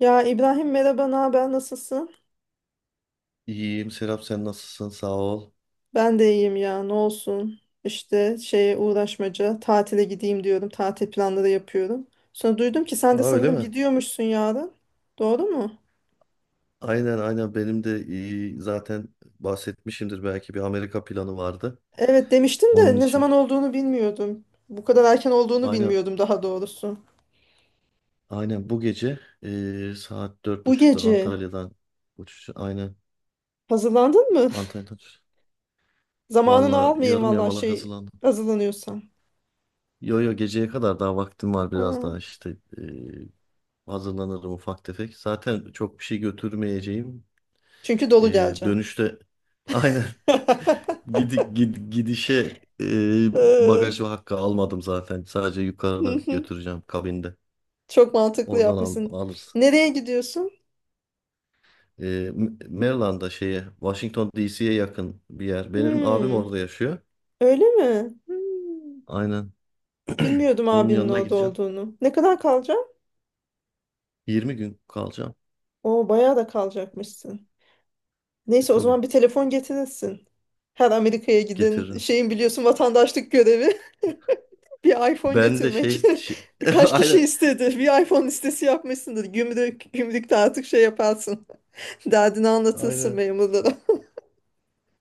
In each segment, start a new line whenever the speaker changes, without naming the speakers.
Ya İbrahim merhaba, ne haber, nasılsın?
İyiyim Serap, sen nasılsın, sağ ol.
Ben de iyiyim ya, ne olsun. İşte şeye uğraşmaca, tatile gideyim diyorum, tatil planları yapıyorum. Sonra duydum ki sen
Aa,
de
öyle
sanırım
mi?
gidiyormuşsun yarın. Doğru mu?
Aynen, benim de iyi zaten, bahsetmişimdir belki, bir Amerika planı vardı.
Evet demiştin
Onun
de ne
için.
zaman olduğunu bilmiyordum. Bu kadar erken olduğunu
Aynen
bilmiyordum daha doğrusu.
aynen bu gece saat dört
Bu
buçukta
gece
Antalya'dan uçuş. Aynen,
hazırlandın mı?
Antalya'dan uçuş.
Zamanını
Valla
almayayım
yarım
valla
yamalak
şey
hazırlandım.
hazırlanıyorsam.
Yo yo, geceye kadar daha vaktim var, biraz
Aa,
daha işte, hazırlanırım ufak tefek. Zaten çok bir şey götürmeyeceğim.
çünkü dolu geleceğim.
Dönüşte aynen. Gidişe
Ee,
bagaj hakkı almadım zaten. Sadece
hı
yukarıda
hı.
götüreceğim, kabinde.
Çok mantıklı
Oradan
yapmışsın.
alırız.
Nereye gidiyorsun?
E, M- Maryland'da şeye, Washington DC'ye yakın bir yer. Benim abim
Hmm,
orada yaşıyor.
öyle mi? Hmm,
Aynen.
bilmiyordum
Onun
abinin
yanına
orada
gideceğim.
olduğunu. Ne kadar kalacağım?
20 gün kalacağım.
Oo, bayağı da kalacakmışsın.
E
Neyse o
tabii,
zaman bir telefon getirirsin. Her Amerika'ya giden
getiririm.
şeyin biliyorsun vatandaşlık görevi bir iPhone
Ben de
getirmek. Kaç kişi
aynen.
istedi? Bir iPhone listesi yapmışsındır. Gümrükte artık şey yaparsın. Derdini anlatırsın
Aynen.
memurlara.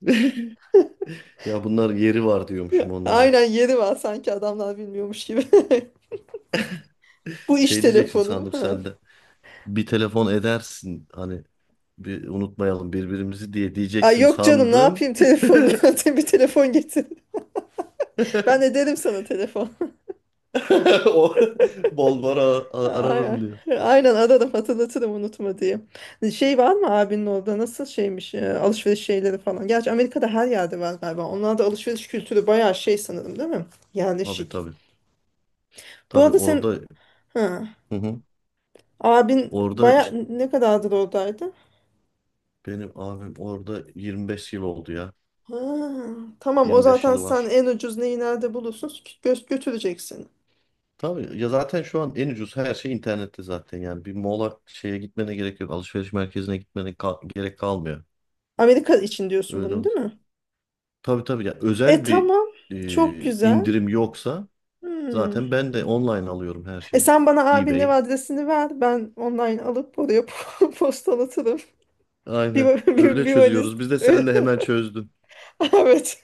Ya bunlar yeri var diyormuşum onlara.
Aynen yeri var sanki adamlar bilmiyormuş gibi. Bu iş
Şey diyeceksin
telefonum.
sandım
Ha.
sen de, bir telefon edersin hani, bir unutmayalım birbirimizi diye
Ay
diyeceksin
yok canım ne
sandım.
yapayım telefonu. Bir telefon getir. Ben ederim sana telefon.
O bol bol ara-
Aynen,
ararım diyor.
aynen ararım, hatırlatırım unutma diye. Şey var mı abinin orada nasıl şeymiş alışveriş şeyleri falan. Gerçi Amerika'da her yerde var galiba. Onlarda alışveriş kültürü bayağı şey sanırım değil mi?
Tabii
Yerleşik.
tabii.
Bu
Tabii
arada sen
orada,
ha,
hı hı.
abin
Orada
baya
ş-
ne kadardır oradaydı?
benim abim orada 25 yıl oldu ya.
Ha, tamam o
25
zaten
yılı
sen
var.
en ucuz neyi nerede bulursun götüreceksin.
Tabii ya, zaten şu an en ucuz her şey internette zaten, yani bir mola şeye gitmene gerek yok. Alışveriş merkezine gerek kalmıyor.
Amerika için diyorsun
Öyle
bunu
oldu.
değil mi?
Tabii tabii ya,
E
özel bir
tamam, çok güzel.
indirim yoksa
Hmm.
zaten ben de online alıyorum her
E
şeyi.
sen bana abinin ev
eBay.
adresini ver. Ben online alıp oraya postalatırım.
Aynen.
Va- bir,
Öyle
bir valiz.
çözüyoruz. Biz de sen de hemen çözdün.
Evet.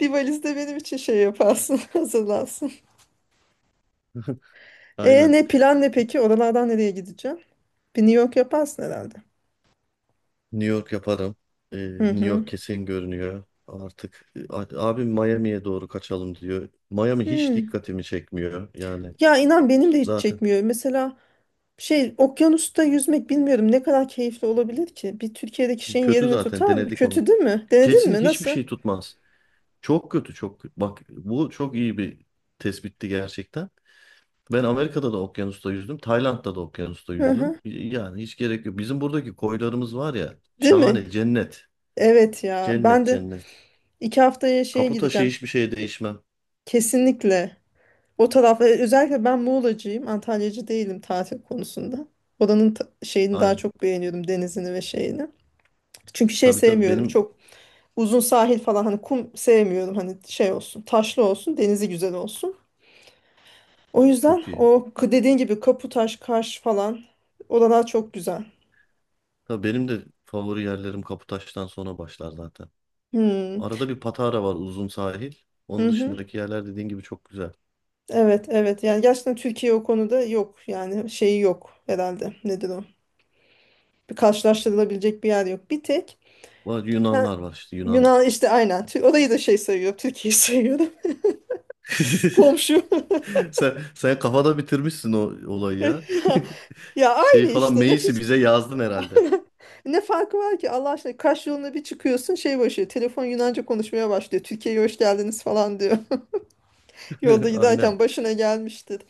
Bir valiz de benim için şey yaparsın. Hazırlarsın. E
Aynen.
ne plan ne peki? Oralardan nereye gideceğim? Bir New York yaparsın herhalde.
New York yaparım. Ee,
Hı
New
hı.
York kesin görünüyor artık. Abim Miami'ye doğru kaçalım diyor. Miami hiç
Hmm.
dikkatimi çekmiyor. Yani
Ya inan benim de hiç
zaten
çekmiyor. Mesela şey okyanusta yüzmek bilmiyorum ne kadar keyifli olabilir ki? Bir Türkiye'deki şeyin
kötü,
yerini
zaten
tutar mı?
denedik onu.
Kötü değil mi? Denedin
Kesin
mi?
hiçbir
Nasıl?
şey tutmaz. Çok kötü, çok. Bak bu çok iyi bir tespitti gerçekten. Ben Amerika'da da okyanusta yüzdüm. Tayland'da da okyanusta
Hı
yüzdüm.
hı.
Yani hiç gerek yok. Bizim buradaki koylarımız var ya.
Değil mi?
Şahane. Cennet.
Evet ya.
Cennet
Ben de
cennet.
2 haftaya şeye
Kapı taşı
gideceğim.
hiçbir şeye değişmem.
Kesinlikle. O taraf özellikle ben Muğlacıyım. Antalyacı değilim tatil konusunda. Oranın şeyini daha
Aynen.
çok beğeniyorum, denizini ve şeyini. Çünkü şey
Tabii tabii,
sevmiyorum.
benim
Çok uzun sahil falan hani kum sevmiyorum. Hani şey olsun, taşlı olsun, denizi güzel olsun. O yüzden
çok iyi.
o dediğin gibi Kaputaş, Kaş falan oralar çok güzel.
Tabii benim de favori yerlerim Kaputaş'tan sonra başlar zaten.
Hmm.
Arada bir Patara var, uzun sahil. Onun
Mhm.
dışındaki yerler dediğin gibi çok güzel.
Evet, evet. Yani gerçekten Türkiye o konuda yok. Yani şeyi yok herhalde. Nedir o? Bir karşılaştırılabilecek bir yer yok. Bir tek
Var,
Ken-
Yunanlar var işte, Yunan.
Yunan işte, aynen. Orayı da şey sayıyor. Türkiye'yi sayıyorum. Komşu.
Sen kafada bitirmişsin o olayı ya.
Ya, ya, aynı
Şey falan
işte. Ne,
Meis'i
hiç,
bize yazdın herhalde.
ne farkı var ki Allah aşkına. Kaş yoluna bir çıkıyorsun şey başlıyor. Telefon Yunanca konuşmaya başlıyor. Türkiye'ye hoş geldiniz falan diyor. Yolda
Aynen.
giderken başına gelmiştir.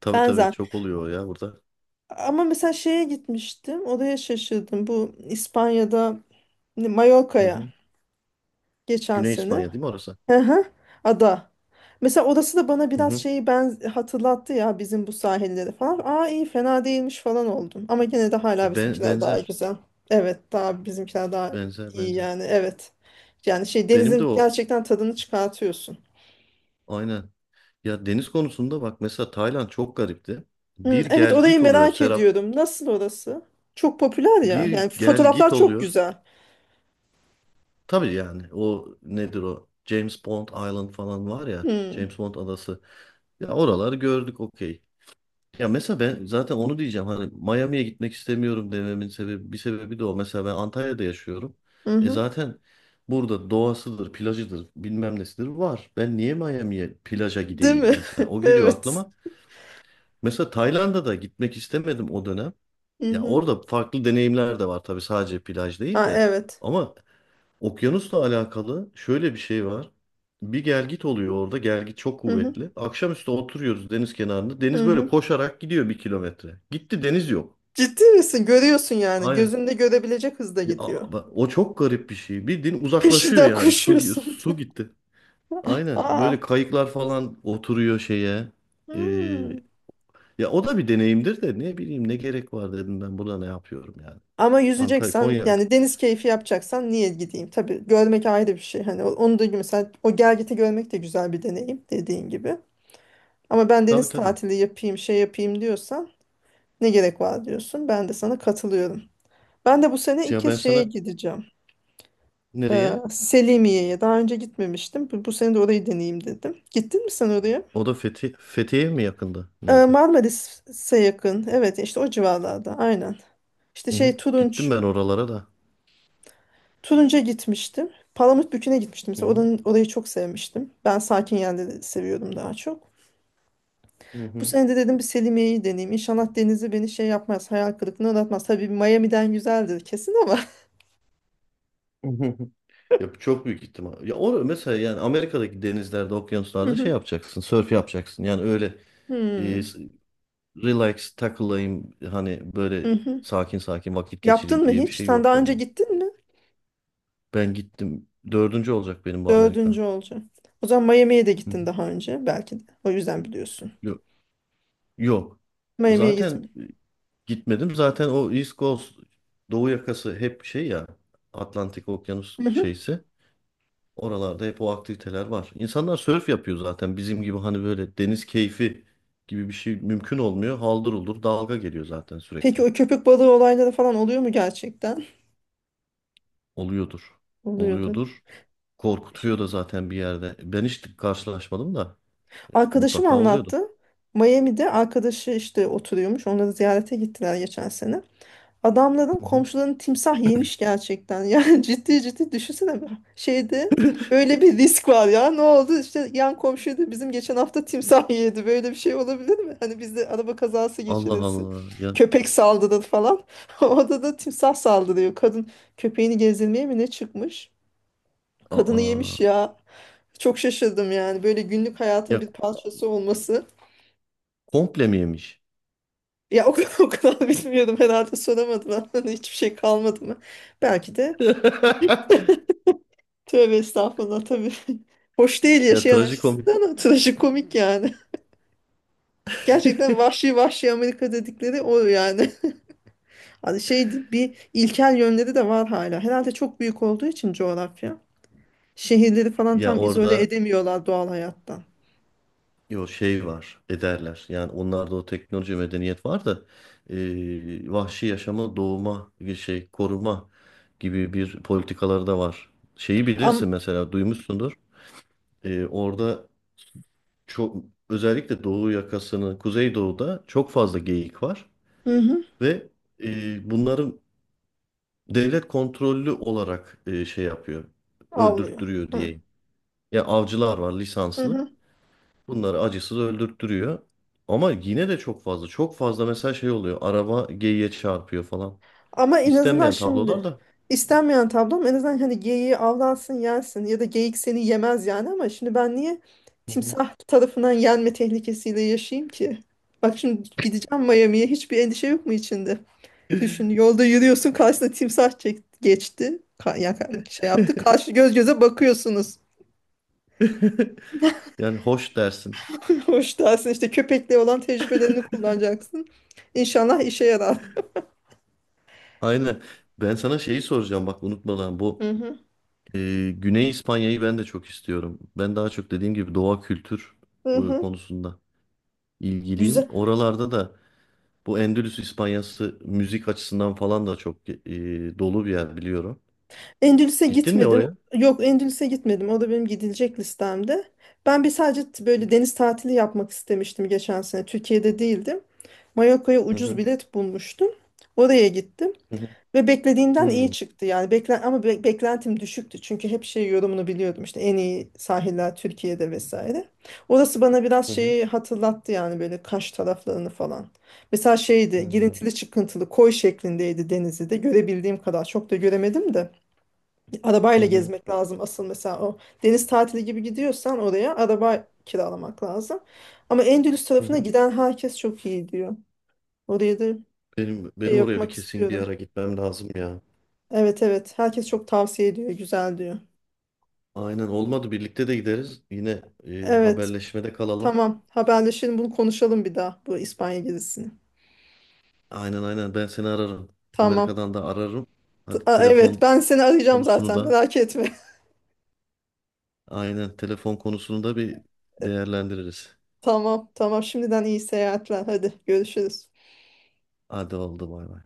Tabii tabii,
Benzer.
çok oluyor o ya burada.
Ama mesela şeye gitmiştim. Oraya şaşırdım. Bu İspanya'da
Hı
Mallorca'ya,
hı.
geçen
Güney
sene.
İspanya değil mi orası?
Hı hı. Ada. Mesela orası da bana
Hı
biraz
hı.
şeyi ben hatırlattı ya, bizim bu sahilleri falan. Aa iyi fena değilmiş falan oldum. Ama gene de hala bizimkiler daha
Benzer.
güzel. Evet, daha bizimkiler daha
Benzer
iyi
benzer.
yani, evet. Yani şey
Benim de
denizin
o,
gerçekten tadını çıkartıyorsun.
aynen. Ya deniz konusunda bak, mesela Tayland çok garipti. Bir
Hı, evet,
gel
orayı
git oluyor
merak
Serap.
ediyorum. Nasıl orası? Çok popüler ya. Yani
Bir gel git
fotoğraflar çok
oluyor.
güzel.
Tabii yani o nedir o? James Bond Island falan var ya.
Hı.
James Bond adası. Ya oraları gördük, okey. Ya mesela ben zaten onu diyeceğim, hani Miami'ye gitmek istemiyorum dememin sebebi, bir sebebi de o. Mesela ben Antalya'da yaşıyorum.
Hı
E
hı.
zaten burada doğasıdır, plajıdır, bilmem nesidir var. Ben niye Miami'ye plaja
Değil
gideyim
mi?
mesela? O geliyor
Evet.
aklıma. Mesela Tayland'a da gitmek istemedim o dönem.
Hı
Ya
hı.
orada farklı deneyimler de var tabii, sadece plaj değil
Ha,
de.
evet.
Ama okyanusla alakalı şöyle bir şey var. Bir gelgit oluyor orada. Gelgit çok
Hı hı.
kuvvetli. Akşamüstü oturuyoruz deniz kenarında.
Hı
Deniz böyle
hı.
koşarak gidiyor 1 kilometre. Gitti, deniz yok.
Ciddi misin? Görüyorsun yani.
Aynen.
Gözünde görebilecek hızda
Ya
gidiyor.
bak, o çok garip bir şey. Bildiğin uzaklaşıyor
Peşinden
yani.
koşuyorsun.
Su gitti. Aynen. Böyle
Aa.
kayıklar falan oturuyor şeye. Ee,
Hmm.
ya o da bir deneyimdir de, ne bileyim, ne gerek var dedim, ben burada ne yapıyorum yani.
Ama
Antalya,
yüzeceksen
Konya.
yani, deniz keyfi yapacaksan niye gideyim? Tabii görmek ayrı bir şey. Hani onu da mesela, o gelgiti görmek de güzel bir deneyim dediğin gibi. Ama ben
Tabii
deniz
tabii.
tatili yapayım, şey yapayım diyorsan ne gerek var diyorsun. Ben de sana katılıyorum. Ben de bu sene ilk
Ya
kez
ben
şeye
sana,
gideceğim.
nereye?
Selimiye'ye. Daha önce gitmemiştim. Bu sene de orayı deneyeyim dedim. Gittin mi sen oraya?
O da Fethiye mi yakında? Neydi?
Marmaris'e yakın. Evet işte o civarlarda, aynen. İşte
Hı hı.
şey
Gittim
Turunç,
ben oralara da.
Turunç'a gitmiştim. Palamutbükü'ne gitmiştim.
Hı
Mesela
hı.
orayı çok sevmiştim. Ben sakin yerleri seviyorum daha çok.
Hı
Bu
hı.
sene de dedim bir Selimiye'yi deneyeyim. İnşallah denizi beni şey yapmaz, hayal kırıklığına uğratmaz. Tabii Miami'den güzeldir kesin ama.
Ya çok büyük ihtimal. Ya or mesela yani Amerika'daki denizlerde,
Hı
okyanuslarda şey
hı.
yapacaksın, sörf yapacaksın. Yani öyle e,
Hmm.
s- relax takılayım, hani
Hı
böyle
hı.
sakin sakin vakit geçireyim
Yaptın mı
diye bir
hiç?
şey
Sen
yok
daha önce
yani.
gittin mi?
Ben gittim. Dördüncü olacak benim bu Amerika.
Dördüncü olacak. O zaman Miami'ye de
Hı hı.
gittin daha önce belki de. O yüzden biliyorsun.
Yok. Yok.
Miami'ye gitme.
Zaten e, gitmedim. Zaten o East Coast, Doğu yakası hep şey ya, Atlantik Okyanus şeysi. Oralarda hep o aktiviteler var. İnsanlar sörf yapıyor zaten. Bizim gibi hani böyle deniz keyfi gibi bir şey mümkün olmuyor. Haldır uldur dalga geliyor zaten
Peki
sürekli.
o köpük balığı olayları falan oluyor mu gerçekten?
Oluyordur.
Oluyordu.
Oluyordur.
Ş-
Korkutuyor da zaten bir yerde. Ben hiç karşılaşmadım da
Arkadaşım
mutlaka oluyordur.
anlattı. Miami'de arkadaşı işte oturuyormuş. Onları ziyarete gittiler geçen sene. Adamların
Hı hı.
komşularını timsah yemiş gerçekten. Yani ciddi ciddi düşünsene. Şeyde böyle bir risk var ya. Ne oldu? İşte yan komşuydu bizim, geçen hafta timsah yedi. Böyle bir şey olabilir mi? Hani bizde araba kazası
Allah
geçirirsin.
Allah. Ya,
Köpek saldırır falan. Orada da timsah saldırıyor. Kadın köpeğini gezdirmeye mi ne çıkmış? Kadını
aa,
yemiş ya. Çok şaşırdım yani. Böyle günlük hayatın
ya
bir parçası olması.
komple mi yemiş?
Ya o kadar, o kadar bilmiyordum herhalde, soramadılar. Hani hiçbir şey kalmadı mı? Belki de tövbe estağfurullah tabii. Hoş değil
Ya
yaşayan
trajikomik.
açısından ama trajikomik yani. Gerçekten vahşi vahşi Amerika dedikleri o yani. Hani şey bir ilkel yönleri de var hala. Herhalde çok büyük olduğu için coğrafya. Şehirleri falan
Ya
tam izole
orada,
edemiyorlar doğal hayattan.
yo şey var ederler yani, onlarda o teknoloji medeniyet var da vahşi yaşamı doğuma bir şey koruma gibi bir politikaları da var. Şeyi
Am
bilirsin mesela, duymuşsundur. Orada çok, özellikle Doğu yakasını, Kuzeydoğu'da çok fazla geyik var
hı hı,
ve bunların devlet kontrollü olarak şey yapıyor,
avlıyor.
öldürttürüyor
Hı,
diye. Ya avcılar var,
hı
lisanslı.
hı.
Bunları acısız öldürttürüyor. Ama yine de çok fazla. Çok fazla mesela şey oluyor. Araba geyiğe çarpıyor falan.
Ama en azından
İstenmeyen
şimdi
tablolar da.
istenmeyen tablom, en azından hani geyiği avlansın yensin ya da geyik seni yemez yani, ama şimdi ben niye
Hı hı.
timsah tarafından yenme tehlikesiyle yaşayayım ki? Bak şimdi gideceğim Miami'ye, hiçbir endişe yok mu içinde? Düşün, yolda yürüyorsun karşısına timsah çek geçti. Ya şey yaptı, karşı göz göze bakıyorsunuz.
Yani hoş dersin.
Hoş dersin işte, köpekle olan tecrübelerini kullanacaksın. İnşallah işe yarar.
Aynen. Ben sana şeyi soracağım bak, unutmadan, bu
Hı hı.
Güney İspanya'yı ben de çok istiyorum. Ben daha çok dediğim gibi doğa kültür
Hı hı.
konusunda ilgiliyim.
Güzel.
Oralarda da bu Endülüs İspanyası müzik açısından falan da çok dolu bir yer biliyorum.
Endülüs'e
Gittin mi
gitmedim.
oraya?
Yok, Endülüs'e gitmedim. O da benim gidilecek listemde. Ben bir sadece böyle deniz tatili yapmak istemiştim geçen sene. Türkiye'de değildim. Mallorca'ya
Hı
ucuz
hı.
bilet bulmuştum. Oraya gittim.
Hı hı.
Ve beklediğimden iyi
Hı.
çıktı yani. Ama beklentim düşüktü. Çünkü hep şey yorumunu biliyordum işte, en iyi sahiller Türkiye'de vesaire. Orası bana biraz
Hı hı.
şeyi hatırlattı yani, böyle Kaş taraflarını falan. Mesela
Hı
şeydi,
hı.
girintili çıkıntılı koy şeklindeydi, denizi de görebildiğim kadar çok da göremedim de.
Hı
Arabayla
hı.
gezmek lazım asıl mesela, o deniz tatili gibi gidiyorsan oraya, araba kiralamak lazım. Ama Endülüs
Hı
tarafına
hı.
giden herkes çok iyi diyor. Oraya da
Benim
şey
benim oraya bir
yapmak
kesin bir
istiyorum.
ara gitmem lazım ya.
Evet, evet. Herkes çok tavsiye ediyor. Güzel diyor.
Aynen, olmadı birlikte de gideriz. Yine
Evet.
haberleşmede kalalım.
Tamam. Haberleşelim. Bunu konuşalım bir daha. Bu İspanya gezisini.
Aynen, ben seni ararım.
Tamam.
Amerika'dan da ararım. Hadi
Aa, evet.
telefon
Ben seni arayacağım
konusunu
zaten.
da,
Merak etme.
aynen telefon konusunu da bir değerlendiririz.
Tamam. Tamam. Şimdiden iyi seyahatler. Hadi görüşürüz.
Hadi, oldu, bay bay.